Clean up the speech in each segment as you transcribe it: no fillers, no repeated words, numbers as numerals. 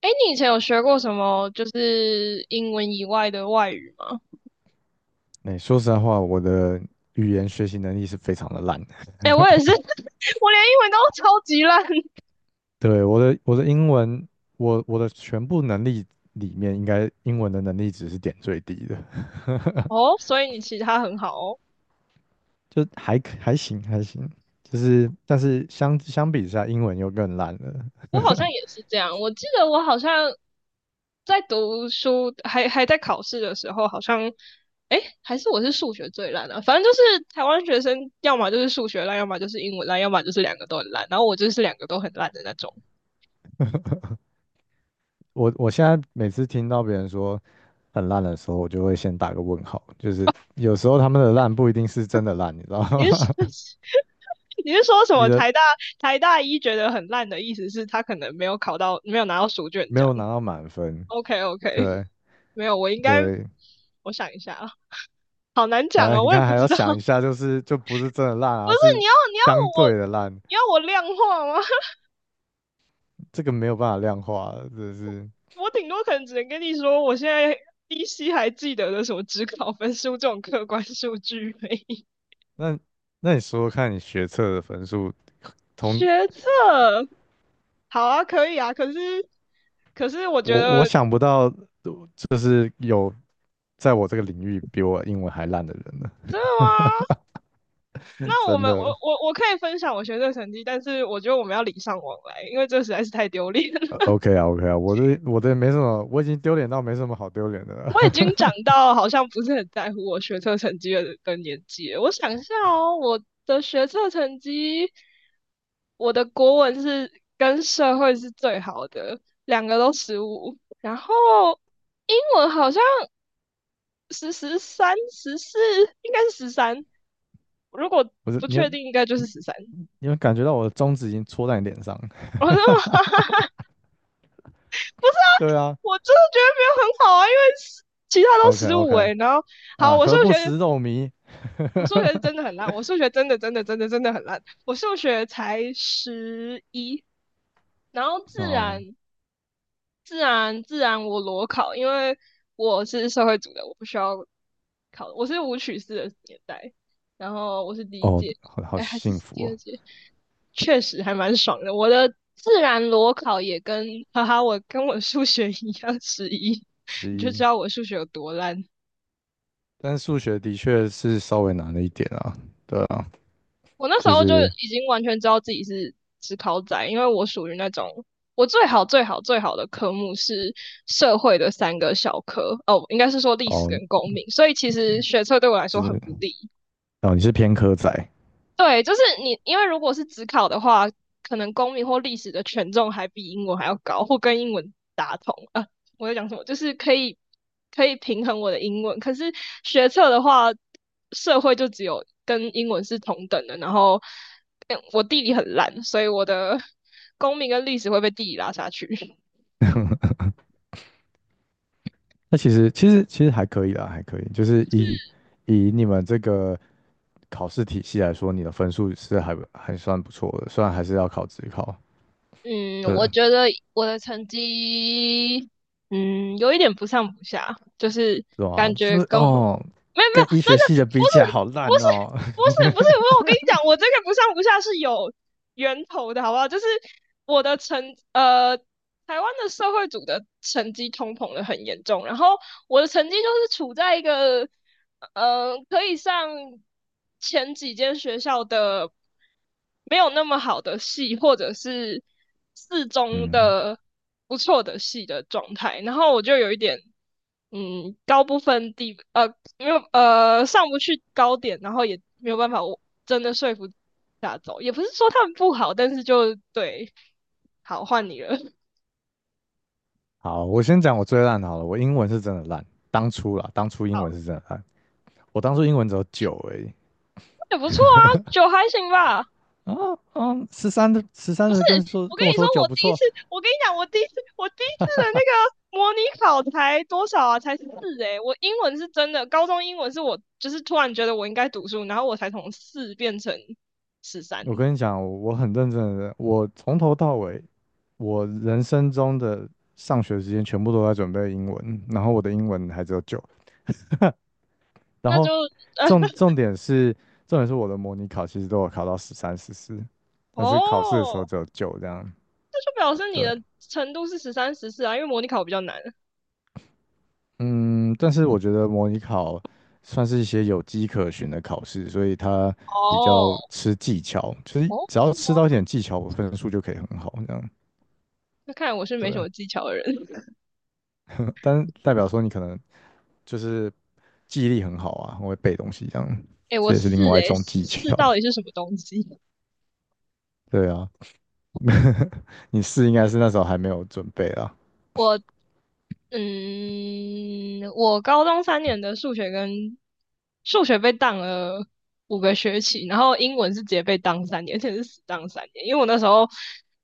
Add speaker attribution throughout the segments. Speaker 1: 哎，你以前有学过什么就是英文以外的外语吗？
Speaker 2: 哎，说实在话，我的语言学习能力是非常的烂。
Speaker 1: 哎，我也是，我连英文都超级烂
Speaker 2: 对，我的英文，我的全部能力里面，应该英文的能力值是点最低的，
Speaker 1: 哦，所以你其他很好哦。
Speaker 2: 就还可还行还行。就是，但是相比之下，英文又更烂了。
Speaker 1: 我好像也是这样，我记得我好像在读书还在考试的时候，好像哎还是我是数学最烂的，反正就是台湾学生要么就是数学烂，要么就是英文烂，要么就是两个都很烂，然后我就是两个都很烂的那种。
Speaker 2: 我现在每次听到别人说很烂的时候，我就会先打个问号。就是有时候他们的烂不一定是真的烂，你知道
Speaker 1: 你
Speaker 2: 吗？
Speaker 1: 是 你是说 什
Speaker 2: 你
Speaker 1: 么
Speaker 2: 的
Speaker 1: 台大一觉得很烂的意思是他可能没有考到没有拿到书卷
Speaker 2: 没
Speaker 1: 奖？
Speaker 2: 有拿到满分，
Speaker 1: OK OK，
Speaker 2: 对
Speaker 1: 没有，我应该
Speaker 2: 对，
Speaker 1: 我想一下啊，好难讲
Speaker 2: 哎，
Speaker 1: 啊，
Speaker 2: 你
Speaker 1: 我也
Speaker 2: 看
Speaker 1: 不
Speaker 2: 还
Speaker 1: 知
Speaker 2: 要
Speaker 1: 道。
Speaker 2: 想一 下，就是就不是真的烂
Speaker 1: 不
Speaker 2: 啊，
Speaker 1: 是
Speaker 2: 是
Speaker 1: 你要
Speaker 2: 相
Speaker 1: 我
Speaker 2: 对的烂，
Speaker 1: 你要我量化吗？
Speaker 2: 这个没有办法量化的，真的是。
Speaker 1: 我顶多可能只能跟你说，我现在依稀还记得的什么职考分数这种客观数据而已。
Speaker 2: 那那你说说看你学测的分数，同
Speaker 1: 学测好啊，可以啊，可是我觉
Speaker 2: 我
Speaker 1: 得
Speaker 2: 想不到，就是有在我这个领域比我英文还烂的人呢，
Speaker 1: 真的吗？那我
Speaker 2: 真
Speaker 1: 们我
Speaker 2: 的。
Speaker 1: 我我可以分享我学测成绩，但是我觉得我们要礼尚往来，因为这实在是太丢脸了。
Speaker 2: OK 啊，OK 啊，我的没什么，我已经丢脸到没什么好丢脸的了。
Speaker 1: 我已经长到好像不是很在乎我学测成绩的年纪了。我想一下哦，我的学测成绩，我的国文是跟社会是最好的，两个都15，然后英文好像十十三十四，应该是13，如果
Speaker 2: 不是，
Speaker 1: 不
Speaker 2: 你有
Speaker 1: 确定应该就是13。
Speaker 2: 你有感觉到我的中指已经戳在你脸上？
Speaker 1: 我说 不是 啊，
Speaker 2: 对啊
Speaker 1: 我真的觉得没有很好啊，因为是其他都
Speaker 2: ，OK
Speaker 1: 十五
Speaker 2: OK
Speaker 1: 诶，然后好，
Speaker 2: 啊，
Speaker 1: 我数
Speaker 2: 何
Speaker 1: 学
Speaker 2: 不食肉糜？
Speaker 1: 我数学是真的很烂，我数学真的真的真的真的很烂，我数学才11，然后自
Speaker 2: 哦，
Speaker 1: 然自然自然我裸考，因为我是社会组的，我不需要考，我是舞曲四的年代，然后我是第一
Speaker 2: 哦，
Speaker 1: 届，
Speaker 2: 好好
Speaker 1: 哎还是
Speaker 2: 幸福
Speaker 1: 第二
Speaker 2: 哦，
Speaker 1: 届，确实还蛮爽的。我的自然裸考也跟哈哈，我跟我数学一样11，
Speaker 2: 之
Speaker 1: 你就知
Speaker 2: 一。
Speaker 1: 道我数学有多烂。
Speaker 2: 但数学的确是稍微难了一点啊，对啊，
Speaker 1: 我那时
Speaker 2: 就
Speaker 1: 候就
Speaker 2: 是
Speaker 1: 已经完全知道自己是职考仔，因为我属于那种我最好最好最好的科目是社会的3个小科，哦，应该是说历史
Speaker 2: 哦，
Speaker 1: 跟公民，所以其实学测对我来
Speaker 2: 就
Speaker 1: 说很
Speaker 2: 是
Speaker 1: 不利，
Speaker 2: 哦，你是偏科仔，
Speaker 1: 对，就是你，因为如果是只考的话，可能公民或历史的权重还比英文还要高，或跟英文打同啊。我在讲什么？就是可以平衡我的英文。可是学测的话，社会就只有跟英文是同等的。然后，嗯我地理很烂，所以我的 公民跟历史会被地理拉下去。
Speaker 2: 那其实还可以啦，还可以，就是以你们这个考试体系来说，你的分数是还不还算不错的，虽然还是要考职考，
Speaker 1: 嗯，我
Speaker 2: 对，
Speaker 1: 觉得我的成绩，嗯，有一点不上不下，就是
Speaker 2: 是吧？
Speaker 1: 感
Speaker 2: 这
Speaker 1: 觉
Speaker 2: 是
Speaker 1: 跟我
Speaker 2: 哦，
Speaker 1: 没有没有，
Speaker 2: 跟医
Speaker 1: 真
Speaker 2: 学
Speaker 1: 的
Speaker 2: 系的
Speaker 1: 不
Speaker 2: 比起来
Speaker 1: 是
Speaker 2: 好
Speaker 1: 不
Speaker 2: 烂
Speaker 1: 是
Speaker 2: 哦。
Speaker 1: 不 是不是，我跟你讲，我这个不上不下是有源头的，好不好？就是我的成呃，台湾的社会组的成绩通膨的很严重，然后我的成绩就是处在一个。呃，可以上前几间学校的没有那么好的系，或者是四中
Speaker 2: 嗯，
Speaker 1: 的不错的系的状态，然后我就有一点，嗯，高不分低，呃，没有，呃，上不去高点，然后也没有办法，我真的说服大家走，也不是说他们不好，但是就对，好，换你了，
Speaker 2: 好，我先讲我最烂的好了，我英文是真的烂，当初啦，当初英
Speaker 1: 好，
Speaker 2: 文是真的烂。我当初英文只有九而已。
Speaker 1: 也不错啊，9还行吧。
Speaker 2: 啊啊，十三的跟说
Speaker 1: 我跟
Speaker 2: 跟我
Speaker 1: 你说，
Speaker 2: 说九
Speaker 1: 我
Speaker 2: 不
Speaker 1: 第一次，
Speaker 2: 错，
Speaker 1: 我跟你讲，我第一次，我第一次的那个模拟考才多少啊？才四诶、欸我英文是真的，高中英文是我就是突然觉得我应该读书，然后我才从4变成13，
Speaker 2: 我跟你讲，我很认真的，我从头到尾，我人生中的上学时间全部都在准备英文，然后我的英文还只有九，然
Speaker 1: 那就
Speaker 2: 后
Speaker 1: 呃
Speaker 2: 重重点是重点是我的模拟考其实都有考到十三十四，但是考试的时候
Speaker 1: 哦，
Speaker 2: 只有九这样，
Speaker 1: 那就表示你
Speaker 2: 对，
Speaker 1: 的程度是13、14啊，因为模拟考比较难。
Speaker 2: 嗯，但是我觉得模拟考算是一些有迹可循的考试，所以它比
Speaker 1: 哦，
Speaker 2: 较吃技巧，就是
Speaker 1: 哦,
Speaker 2: 只要
Speaker 1: 是吗？
Speaker 2: 吃到一点技巧，我分数就可以很好，这样
Speaker 1: 那看来我是没什
Speaker 2: 对。
Speaker 1: 么技巧的人。
Speaker 2: 但是代表说你可能就是记忆力很好啊，很会背东西这样，
Speaker 1: 哎，
Speaker 2: 这
Speaker 1: 我
Speaker 2: 也
Speaker 1: 四
Speaker 2: 是另外一
Speaker 1: 哎
Speaker 2: 种技
Speaker 1: 四
Speaker 2: 巧。
Speaker 1: 到底是什么东西？
Speaker 2: 对啊，你是应该是那时候还没有准备啊。
Speaker 1: 我嗯，我高中三年的数学跟数学被当了5个学期，然后英文是直接被当3年，而且是死当3年，因为我那时候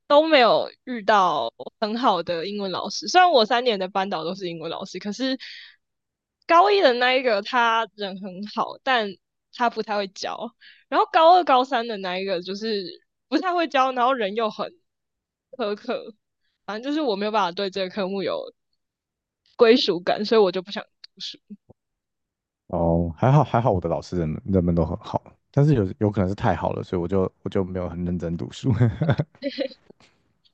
Speaker 1: 都没有遇到很好的英文老师。虽然我3年的班导都是英文老师，可是高一的那一个他人很好，但他不太会教。然后高二、高三的那一个就是不太会教，然后人又很苛刻，反正就是我没有办法对这个科目有归属感，所以我就不想读书。
Speaker 2: 哦，还好还好，我的老师人们都很好。但是有可能是太好了，所以我就没有很认真读书。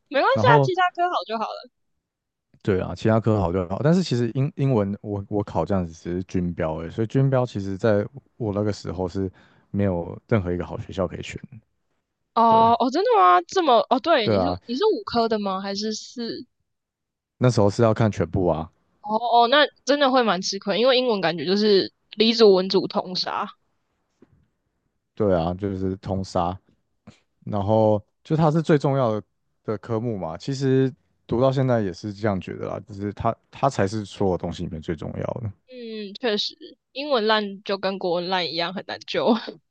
Speaker 1: 没 关
Speaker 2: 然
Speaker 1: 系啊，
Speaker 2: 后
Speaker 1: 其他科好就好了。
Speaker 2: 对啊，其他科好就好，但是其实英文我考这样子只是军标而已所以军标其实在我那个时候是没有任何一个好学校可以选
Speaker 1: 哦
Speaker 2: 对
Speaker 1: 哦，真的吗？这么哦，对，
Speaker 2: 对
Speaker 1: 你是
Speaker 2: 啊，
Speaker 1: 你是五科的吗？还是四？
Speaker 2: 那时候是要看全部啊，
Speaker 1: 哦哦，那真的会蛮吃亏，因为英文感觉就是理组文组通杀。
Speaker 2: 对啊，就是通杀，然后就它是最重要的的科目嘛。其实读到现在也是这样觉得啦，就是它才是所有东西里面最重要的。
Speaker 1: 嗯，确实，英文烂就跟国文烂一样，很难救。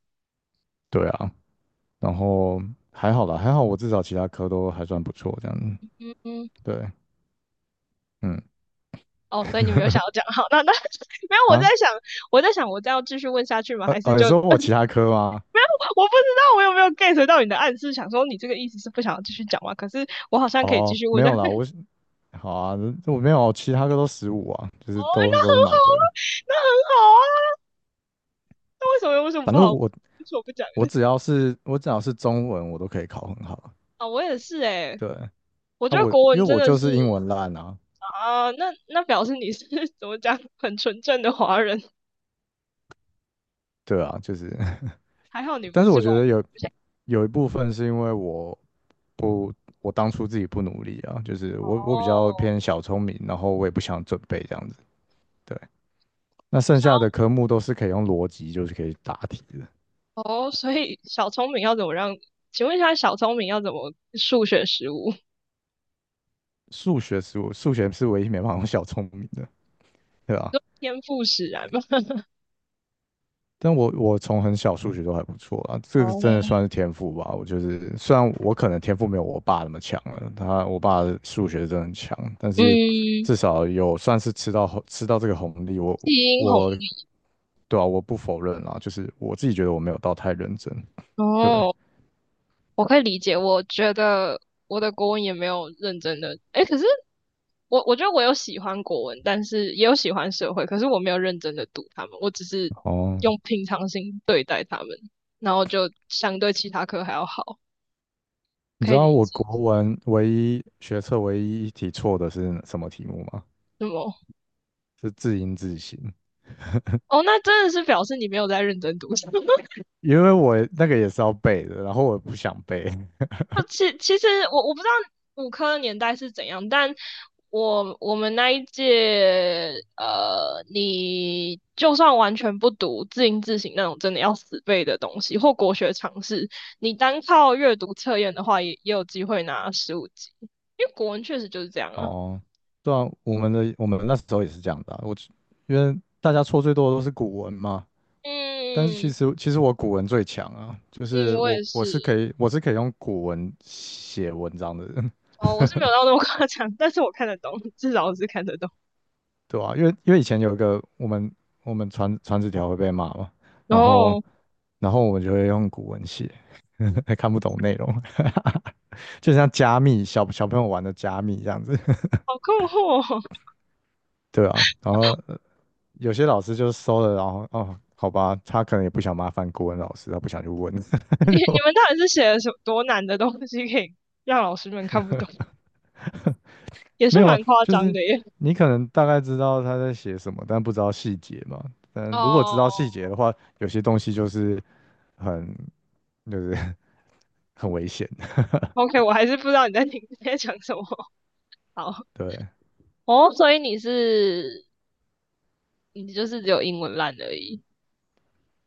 Speaker 2: 对啊，然后还好啦，还好我至少其他科都还算不错这样子。
Speaker 1: 嗯嗯，
Speaker 2: 对，嗯
Speaker 1: 哦，所以你没有想要讲好，那没有，我在
Speaker 2: 啊。
Speaker 1: 想，我在想，我再要继续问下去吗？还是
Speaker 2: 你
Speaker 1: 就 我
Speaker 2: 说我
Speaker 1: 不知
Speaker 2: 其
Speaker 1: 道
Speaker 2: 他科吗？
Speaker 1: 我有没有 get 到你的暗示，想说你这个意思是不想要继续讲吗？可是我好像可以继
Speaker 2: 哦，
Speaker 1: 续问
Speaker 2: 没
Speaker 1: 下。
Speaker 2: 有啦，我是好啊，我没有，其他科都十五啊，就
Speaker 1: 哦，
Speaker 2: 是
Speaker 1: 那
Speaker 2: 都
Speaker 1: 很
Speaker 2: 是
Speaker 1: 好
Speaker 2: 满
Speaker 1: 啊，
Speaker 2: 分。
Speaker 1: 那很好啊，那为什么
Speaker 2: 反
Speaker 1: 不
Speaker 2: 正
Speaker 1: 好？
Speaker 2: 我
Speaker 1: 为什么不讲
Speaker 2: 我
Speaker 1: 呢？
Speaker 2: 只 要是我只要是中文，我都可以考很好。
Speaker 1: 啊，我也是哎。
Speaker 2: 对，
Speaker 1: 我
Speaker 2: 啊
Speaker 1: 觉得
Speaker 2: 我
Speaker 1: 国
Speaker 2: 因为
Speaker 1: 文真
Speaker 2: 我
Speaker 1: 的
Speaker 2: 就
Speaker 1: 是
Speaker 2: 是英文烂啊，
Speaker 1: 啊，那表示你是 怎么讲，很纯正的华人，
Speaker 2: 对啊，就是，
Speaker 1: 还好你 不
Speaker 2: 但是
Speaker 1: 是
Speaker 2: 我
Speaker 1: 外
Speaker 2: 觉得有
Speaker 1: 国人
Speaker 2: 有一部分是因为我不我当初自己不努力啊，就是我比较
Speaker 1: 哦。
Speaker 2: 偏小聪明，然后我也不想准备这样子。对，那剩
Speaker 1: 小
Speaker 2: 下的科目都是可以用逻辑就是可以答题的。
Speaker 1: 哦，所以小聪明要怎么让？请问一下，小聪明要怎么数学15？
Speaker 2: 数学是唯一没办法用小聪明的，对吧？
Speaker 1: 天赋使然吗？
Speaker 2: 但我从很小数学都还不错啊，这个
Speaker 1: 哦，
Speaker 2: 真的算是天赋吧。我就是虽然我可能天赋没有我爸那么强了，我爸数学真的很强，但是
Speaker 1: 嗯，
Speaker 2: 至少有算是吃到这个红利。我
Speaker 1: 基因红
Speaker 2: 我对啊，我不否认啦，就是我自己觉得我没有到太认真。对，
Speaker 1: 哦。我可以理解，我觉得我的国文也没有认真的，诶，可是我觉得我有喜欢国文，但是也有喜欢社会，可是我没有认真的读他们，我只是
Speaker 2: 哦，
Speaker 1: 用平常心对待他们，然后就相对其他科还要好，
Speaker 2: 你知
Speaker 1: 可以
Speaker 2: 道
Speaker 1: 理
Speaker 2: 我
Speaker 1: 解。
Speaker 2: 国文学测唯一一题错的是什么题目吗？
Speaker 1: 什么？
Speaker 2: 是字音字形。
Speaker 1: 哦，那真的是表示你没有在认真读书。
Speaker 2: 因为我那个也是要背的，然后我不想背。
Speaker 1: 那其其实我不知道五科的年代是怎样，但我们那一届，呃，你就算完全不读字音字形那种真的要死背的东西，或国学常识，你单靠阅读测验的话也，也有机会拿15级，因为国文确实就是这样啊。
Speaker 2: 哦，对啊，我们那时候也是这样的啊我因为大家错最多的都是古文嘛，但是其
Speaker 1: 嗯
Speaker 2: 实其实我古文最强啊，就
Speaker 1: 嗯，
Speaker 2: 是
Speaker 1: 我也是，
Speaker 2: 我是可以用古文写文章的人，
Speaker 1: 哦，我是没有到那么夸张，但是我看得懂，至少我是看得懂。
Speaker 2: 对啊，因为以前有一个我们传纸条会被骂嘛，然后
Speaker 1: 哦，
Speaker 2: 然后我们就会用古文写，还看不懂内容，就像加密小朋友玩的加密这样子，
Speaker 1: 好困惑哦。
Speaker 2: 对啊，然后。有些老师就收了，然后哦，好吧，他可能也不想麻烦国文老师，他不想去问。
Speaker 1: 你你们到底是写了什么多难的东西，可以让老师们看不懂？也
Speaker 2: 没
Speaker 1: 是蛮
Speaker 2: 有，
Speaker 1: 夸
Speaker 2: 就
Speaker 1: 张
Speaker 2: 是
Speaker 1: 的耶。
Speaker 2: 你可能大概知道他在写什么，但不知道细节嘛。但如果知
Speaker 1: 哦，
Speaker 2: 道细节的话，有些东西就是很就是 很危险
Speaker 1: OK,我还是不知道你在听你在讲什么。好，
Speaker 2: 对
Speaker 1: 哦，oh, 所以你是你就是只有英文烂而已。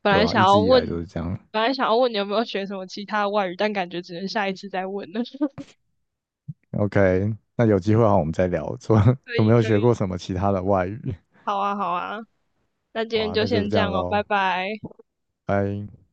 Speaker 1: 本
Speaker 2: 对
Speaker 1: 来
Speaker 2: 啊，
Speaker 1: 想
Speaker 2: 一
Speaker 1: 要
Speaker 2: 直以
Speaker 1: 问，
Speaker 2: 来都是这样。
Speaker 1: 本来想要问你有没有学什么其他外语，但感觉只能下一次再问了。
Speaker 2: OK,那有机会的话我们再聊，说
Speaker 1: 可
Speaker 2: 有
Speaker 1: 以，
Speaker 2: 没有
Speaker 1: 可
Speaker 2: 学
Speaker 1: 以，
Speaker 2: 过什么其他的外语？
Speaker 1: 好啊，好啊，那今
Speaker 2: 好
Speaker 1: 天
Speaker 2: 啊，
Speaker 1: 就
Speaker 2: 那就是
Speaker 1: 先
Speaker 2: 这
Speaker 1: 这
Speaker 2: 样
Speaker 1: 样哦，
Speaker 2: 喽，
Speaker 1: 拜拜。
Speaker 2: 拜。